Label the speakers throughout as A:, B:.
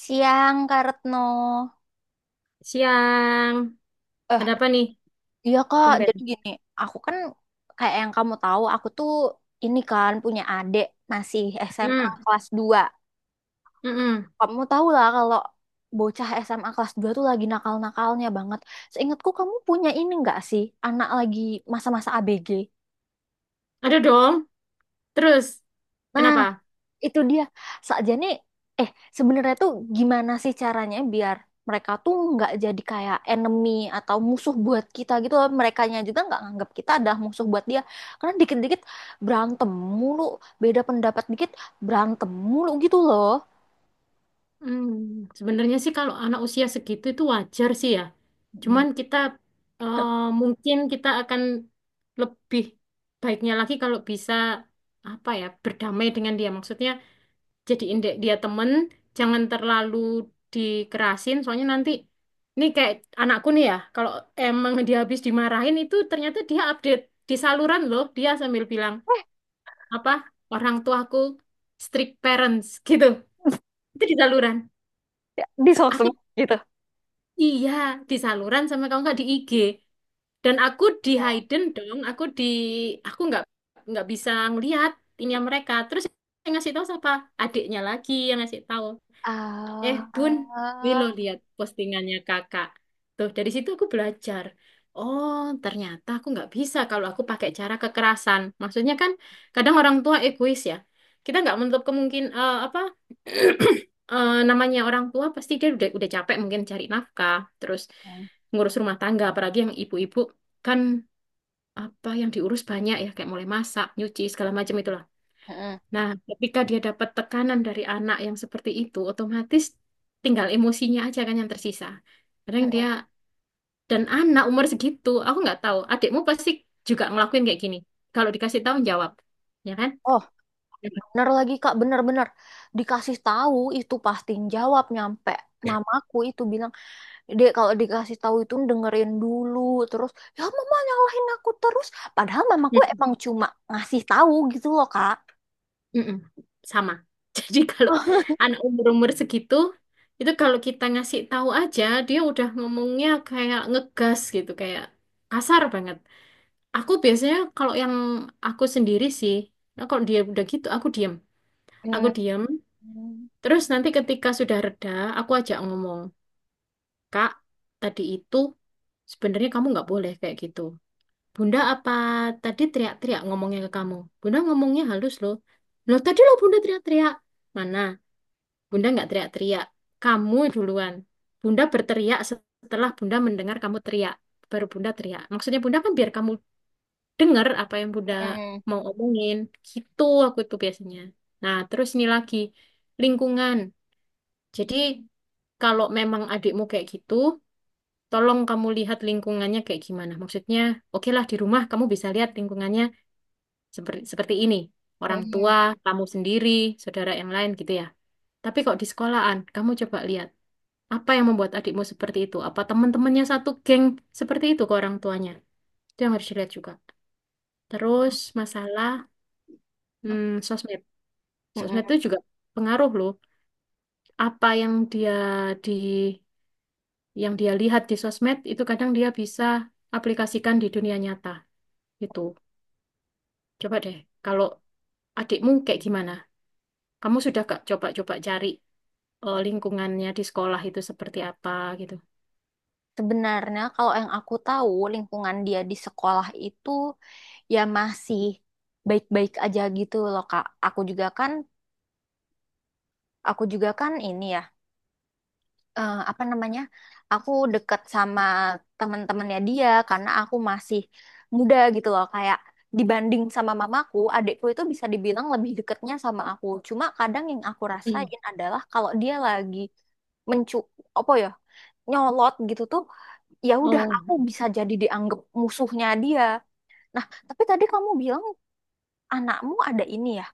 A: Siang, Kak Retno.
B: Siang.
A: Eh,
B: Ada apa nih?
A: iya Kak,
B: Tumben.
A: jadi gini, aku kan kayak yang kamu tahu, aku tuh ini kan punya adik masih SMA
B: Hmm.
A: kelas 2.
B: Mm-mm.
A: Kamu tahu lah kalau bocah SMA kelas 2 tuh lagi nakal-nakalnya banget. Seingatku kamu punya ini nggak sih, anak lagi masa-masa ABG?
B: Ada dong. Terus,
A: Nah,
B: kenapa?
A: itu dia sakjane eh sebenarnya tuh gimana sih caranya biar mereka tuh nggak jadi kayak enemy atau musuh buat kita gitu loh. Merekanya juga nggak nganggap kita adalah musuh buat dia karena dikit-dikit berantem mulu, beda pendapat dikit berantem mulu gitu loh.
B: Hmm. Sebenarnya sih kalau anak usia segitu itu wajar sih ya.
A: Mm.
B: Cuman kita eh, mungkin kita akan lebih baiknya lagi kalau bisa apa ya berdamai dengan dia. Maksudnya jadiin dek dia temen jangan terlalu dikerasin soalnya nanti ini kayak anakku nih ya kalau emang dia habis dimarahin itu ternyata dia update di saluran loh dia sambil bilang
A: eh
B: apa orang tuaku strict parents gitu itu di saluran
A: Ya, di
B: aku
A: sosmed gitu.
B: iya di saluran sama kamu nggak di IG dan aku di
A: Oh,
B: hidden dong aku di aku nggak bisa ngelihat ini mereka terus yang ngasih tahu siapa adiknya lagi yang ngasih tahu. Eh, Bun,
A: ah,
B: ini lo lihat postingannya kakak. Tuh, dari situ aku belajar. Oh, ternyata aku nggak bisa kalau aku pakai cara kekerasan. Maksudnya kan kadang orang tua egois ya. Kita nggak menutup kemungkin apa namanya orang tua pasti dia udah capek mungkin cari nafkah, terus
A: mm.
B: ngurus rumah tangga, apalagi yang ibu-ibu kan apa yang diurus banyak ya kayak mulai masak, nyuci segala macam itulah.
A: Mm-mm,
B: Nah, ketika dia dapat tekanan dari anak yang seperti itu, otomatis tinggal emosinya aja kan yang tersisa. Kadang
A: mm-mm.
B: dia dan anak umur segitu, aku nggak tahu. Adikmu pasti juga ngelakuin kayak gini. Kalau dikasih tahu jawab, ya kan?
A: Oh,
B: Ya.
A: bener lagi Kak, bener-bener dikasih tahu itu pasti jawab nyampe mamaku itu bilang dia kalau dikasih tahu itu dengerin dulu terus, ya mama nyalahin aku terus, padahal mamaku
B: Hmm,
A: emang cuma ngasih tahu gitu loh Kak.
B: mm-mm. Sama. Jadi kalau anak umur-umur segitu, itu kalau kita ngasih tahu aja, dia udah ngomongnya kayak ngegas gitu, kayak kasar banget. Aku biasanya kalau yang aku sendiri sih, nah kalau dia udah gitu, aku diem. Aku
A: Hmm,
B: diam. Terus nanti ketika sudah reda, aku ajak ngomong, Kak, tadi itu sebenarnya kamu nggak boleh kayak gitu. Bunda apa tadi teriak-teriak ngomongnya ke kamu? Bunda ngomongnya halus loh. Loh tadi loh Bunda teriak-teriak. Mana? Bunda nggak teriak-teriak. Kamu duluan. Bunda berteriak setelah Bunda mendengar kamu teriak. Baru Bunda teriak. Maksudnya Bunda kan biar kamu dengar apa yang Bunda
A: hmm,
B: mau omongin. Gitu aku itu biasanya. Nah terus ini lagi. Lingkungan. Jadi kalau memang adikmu kayak gitu, tolong kamu lihat lingkungannya kayak gimana. Maksudnya, oke lah di rumah kamu bisa lihat lingkungannya seperti seperti ini. Orang
A: hmm,
B: tua, kamu sendiri, saudara yang lain gitu ya. Tapi kok di sekolahan, kamu coba lihat apa yang membuat adikmu seperti itu? Apa teman-temannya satu geng seperti itu ke orang tuanya? Itu yang harus dilihat juga. Terus masalah sosmed. Sosmed
A: hmm.
B: itu juga pengaruh loh. Apa yang dia di yang dia lihat di sosmed itu kadang dia bisa aplikasikan di dunia nyata gitu. Coba deh, kalau adikmu kayak gimana? Kamu sudah gak coba-coba cari lingkungannya di sekolah itu seperti apa gitu?
A: Sebenarnya kalau yang aku tahu lingkungan dia di sekolah itu ya masih baik-baik aja gitu loh Kak. Aku juga kan ini ya, apa namanya, aku deket sama teman-temannya dia karena aku masih muda gitu loh, kayak dibanding sama mamaku adikku itu bisa dibilang lebih deketnya sama aku. Cuma kadang yang aku
B: Hmm.
A: rasain adalah kalau dia lagi mencu, apa ya, nyolot gitu tuh ya udah
B: Oh.
A: aku bisa jadi dianggap musuhnya dia. Nah tapi tadi kamu bilang anakmu ada ini ya,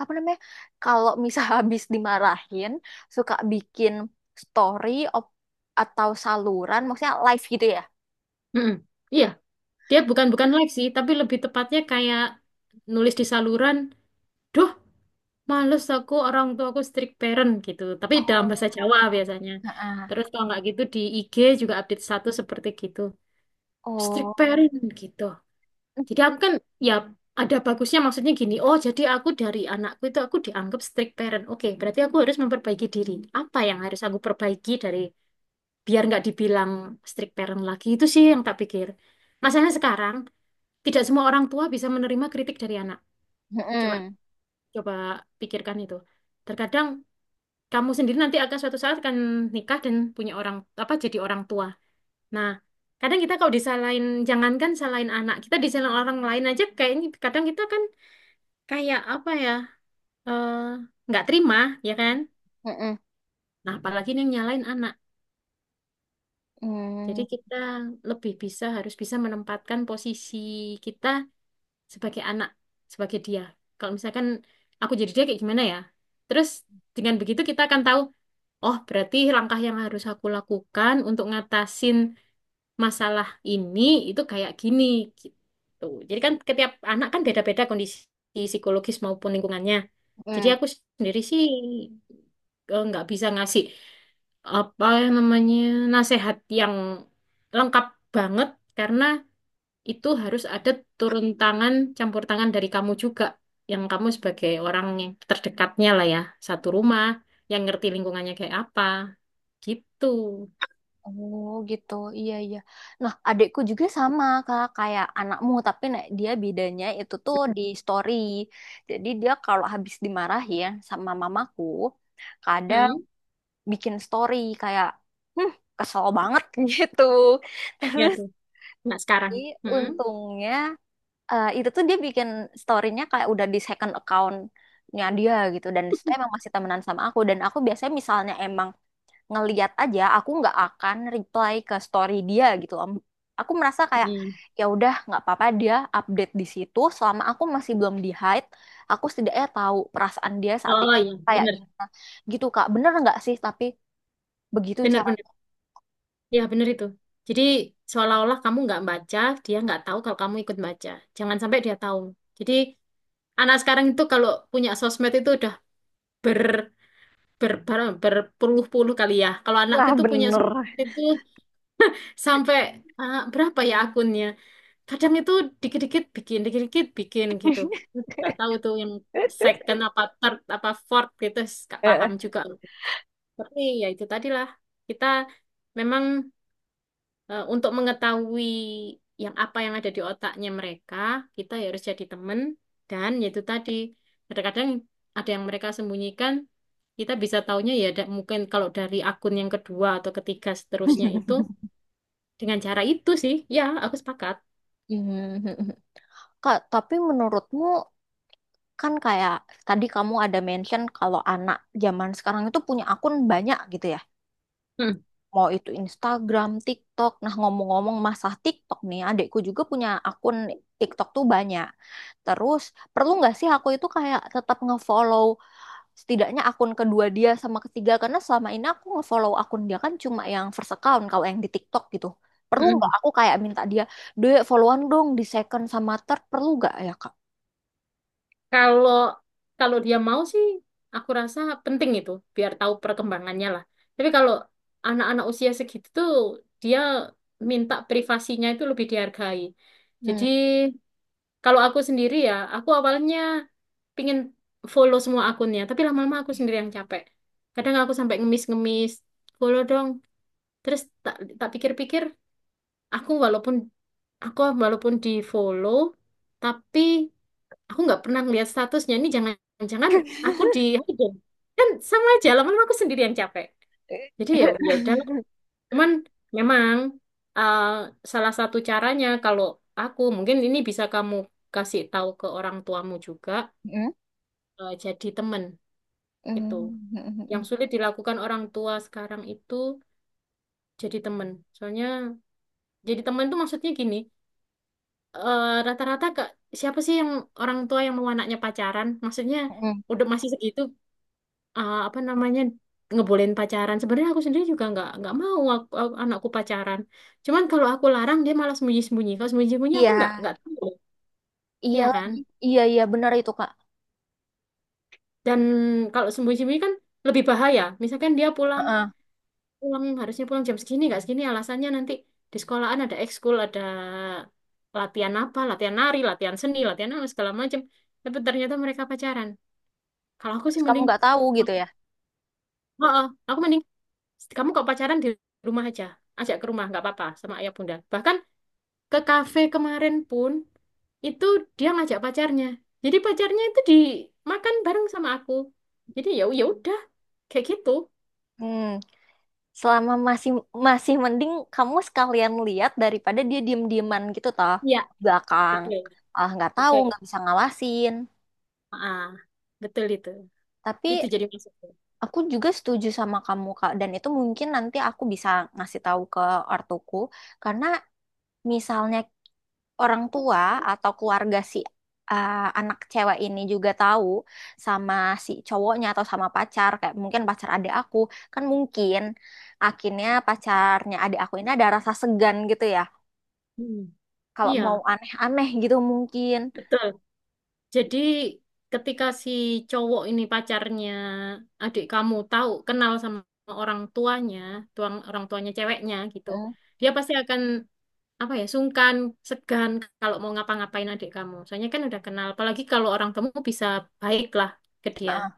A: apa namanya, kalau misal habis dimarahin suka bikin story, op- atau saluran maksudnya live gitu ya.
B: Mm-mm. Iya, dia bukan bukan live sih, tapi lebih tepatnya kayak nulis di saluran. Duh, males aku orang tua aku strict parent gitu. Tapi dalam bahasa Jawa
A: Oh,
B: biasanya.
A: heeh.
B: Terus kalau nggak gitu di IG juga update status seperti gitu. Strict
A: Oh,
B: parent gitu. Jadi aku kan ya ada bagusnya maksudnya gini, oh jadi aku dari anakku itu aku dianggap strict parent. Oke, berarti aku harus memperbaiki diri. Apa yang harus aku perbaiki dari biar nggak dibilang strict parent lagi itu sih yang tak pikir. Masalahnya sekarang tidak semua orang tua bisa menerima kritik dari anak. Coba
A: mm-mm.
B: coba pikirkan itu. Terkadang kamu sendiri nanti akan suatu saat akan nikah dan punya orang apa jadi orang tua. Nah, kadang kita kalau disalahin jangankan salahin anak kita disalahin orang lain aja kayaknya kadang kita kan kayak apa ya eh, nggak terima ya kan
A: Mm-mm.
B: nah apalagi ini yang nyalain anak jadi
A: Mm.
B: kita lebih bisa harus bisa menempatkan posisi kita sebagai anak sebagai dia kalau misalkan aku jadi dia kayak gimana ya terus dengan begitu kita akan tahu oh berarti langkah yang harus aku lakukan untuk ngatasin masalah ini itu kayak gini gitu jadi kan setiap anak kan beda-beda kondisi psikologis maupun lingkungannya jadi
A: Mm.
B: aku sendiri sih nggak bisa ngasih apa yang namanya nasehat yang lengkap banget karena itu harus ada turun tangan, campur tangan dari kamu juga yang kamu sebagai orang yang terdekatnya lah ya, satu rumah yang ngerti lingkungannya kayak apa gitu.
A: Oh gitu, iya iya. Nah, adikku juga sama kak kayak anakmu, tapi nah, dia bedanya itu tuh di story. Jadi dia kalau habis dimarahin sama mamaku, kadang
B: Hmm,
A: bikin story kayak, hmm kesel banget gitu
B: ya
A: terus.
B: sih. Nggak sekarang.
A: Tapi
B: Hmm.
A: untungnya, itu tuh dia bikin storynya kayak udah di second accountnya dia gitu dan itu emang masih temenan sama aku, dan aku biasanya misalnya emang ngeliat aja, aku nggak akan reply ke story dia gitu om. Aku merasa kayak
B: Hmm.
A: ya udah nggak apa-apa dia update di situ, selama aku masih belum di hide aku setidaknya tahu perasaan dia saat
B: Oh
A: ini
B: iya,
A: kayak
B: bener.
A: gimana gitu kak, bener nggak sih? Tapi begitu.
B: Bener, bener. Ya, bener itu. Jadi, seolah-olah kamu nggak baca, dia nggak tahu kalau kamu ikut baca. Jangan sampai dia tahu. Jadi, anak sekarang itu kalau punya sosmed itu udah ber ber ber- berpuluh-puluh kali ya. Kalau anakku
A: Nah,
B: itu punya
A: bener.
B: sosmed itu sampai ah, berapa ya akunnya? Kadang itu dikit-dikit bikin gitu. Nggak tahu tuh yang second apa third apa fourth gitu, nggak
A: Heeh.
B: paham juga. Tapi ya itu tadilah kita memang untuk mengetahui yang apa yang ada di otaknya mereka, kita harus jadi teman dan yaitu tadi kadang-kadang ada yang mereka sembunyikan, kita bisa taunya ya mungkin kalau dari akun yang kedua atau ketiga seterusnya itu dengan cara itu sih, ya aku sepakat.
A: Kak, tapi menurutmu kan kayak tadi kamu ada mention kalau anak zaman sekarang itu punya akun banyak gitu ya.
B: Hmm,
A: Mau itu Instagram, TikTok. Nah, ngomong-ngomong masalah TikTok nih, adikku juga punya akun TikTok tuh banyak. Terus, perlu nggak sih aku itu kayak tetap ngefollow setidaknya akun kedua dia sama ketiga, karena selama ini aku ngefollow akun dia kan cuma yang first account kalau yang di TikTok gitu. Perlu
B: hmm.
A: nggak aku kayak minta dia, Dek followan dong di second sama third, perlu nggak ya kak?
B: Kalau kalau dia mau sih, aku rasa penting itu biar tahu perkembangannya lah. Tapi kalau anak-anak usia segitu tuh dia minta privasinya itu lebih dihargai. Jadi
A: Hmm.
B: kalau aku sendiri ya, aku awalnya pingin follow semua akunnya, tapi lama-lama aku sendiri yang capek. Kadang aku sampai ngemis-ngemis, follow dong. Terus tak tak pikir-pikir, aku walaupun aku walaupun di follow, tapi aku nggak pernah ngeliat statusnya. Ini jangan-jangan aku di hidden. Kan sama aja, lama-lama aku sendiri yang capek. Jadi ya ya udah, cuman memang uh, salah satu caranya kalau aku mungkin ini bisa kamu kasih tahu ke orang tuamu juga
A: Hmm.
B: jadi teman itu.
A: Hmm. Hmm.
B: Yang sulit dilakukan orang tua sekarang itu jadi teman. Soalnya jadi teman itu maksudnya gini, rata-rata kak siapa sih yang orang tua yang mau anaknya pacaran? Maksudnya
A: Hmm.
B: udah masih segitu apa namanya ngebolehin pacaran. Sebenarnya aku sendiri juga nggak mau anakku pacaran. Cuman kalau aku larang dia malah sembunyi-sembunyi. Kalau sembunyi-sembunyi
A: Iya,
B: aku nggak tahu,
A: iya
B: ya
A: lagi.
B: kan?
A: Iya, iya benar itu, Kak.
B: Dan kalau sembunyi-sembunyi kan lebih bahaya. Misalkan dia pulang
A: Heeh.
B: pulang harusnya pulang jam segini nggak segini alasannya nanti di sekolahan ada ekskul ada latihan apa latihan nari latihan seni latihan apa segala macam tapi ternyata mereka pacaran kalau aku sih
A: Terus kamu
B: mending
A: nggak tahu
B: oh,
A: gitu ya.
B: oh, aku mending kamu kok pacaran di rumah aja ajak ke rumah nggak apa-apa sama ayah bunda bahkan ke kafe kemarin pun itu dia ngajak pacarnya jadi pacarnya itu dimakan bareng sama aku jadi ya ya udah kayak gitu.
A: Hmm. Selama masih masih mending kamu sekalian lihat daripada dia diem-dieman gitu toh,
B: Iya,
A: belakang.
B: betul,
A: Ah, nggak tahu,
B: betul.
A: nggak bisa ngawasin.
B: Ah, betul itu.
A: Tapi
B: Itu jadi maksudnya.
A: aku juga setuju sama kamu, Kak. Dan itu mungkin nanti aku bisa ngasih tahu ke ortuku. Karena misalnya orang tua atau keluarga si, anak cewek ini juga tahu sama si cowoknya atau sama pacar, kayak mungkin pacar adik aku, kan mungkin akhirnya pacarnya adik aku ini ada rasa segan gitu ya.
B: Hmm,
A: Kalau mau
B: Iya,
A: aneh-aneh gitu mungkin.
B: betul. Jadi ketika si cowok ini pacarnya adik kamu tahu kenal sama orang tuanya, tuang orang tuanya ceweknya gitu,
A: Mm.
B: dia pasti akan apa ya sungkan, segan kalau mau ngapa-ngapain adik kamu. Soalnya kan udah kenal. Apalagi kalau orang kamu bisa baiklah ke dia.
A: Ah,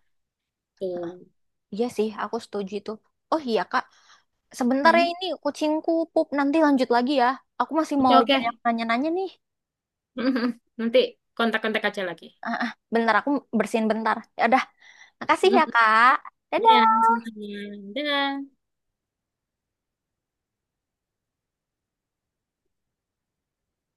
B: Tuh.
A: iya sih, aku setuju itu. Oh iya, Kak. Sebentar ya
B: Hmm.
A: ini kucingku pup, nanti lanjut lagi ya. Aku masih
B: Oke
A: mau
B: oke.
A: banyak nanya-nanya nih.
B: Nanti kontak-kontak aja lagi.
A: Ah, ah, bentar aku bersihin bentar. Ya udah, makasih
B: Hmm.
A: ya, Kak.
B: Ya,
A: Dadah.
B: sama-sama. Dadah.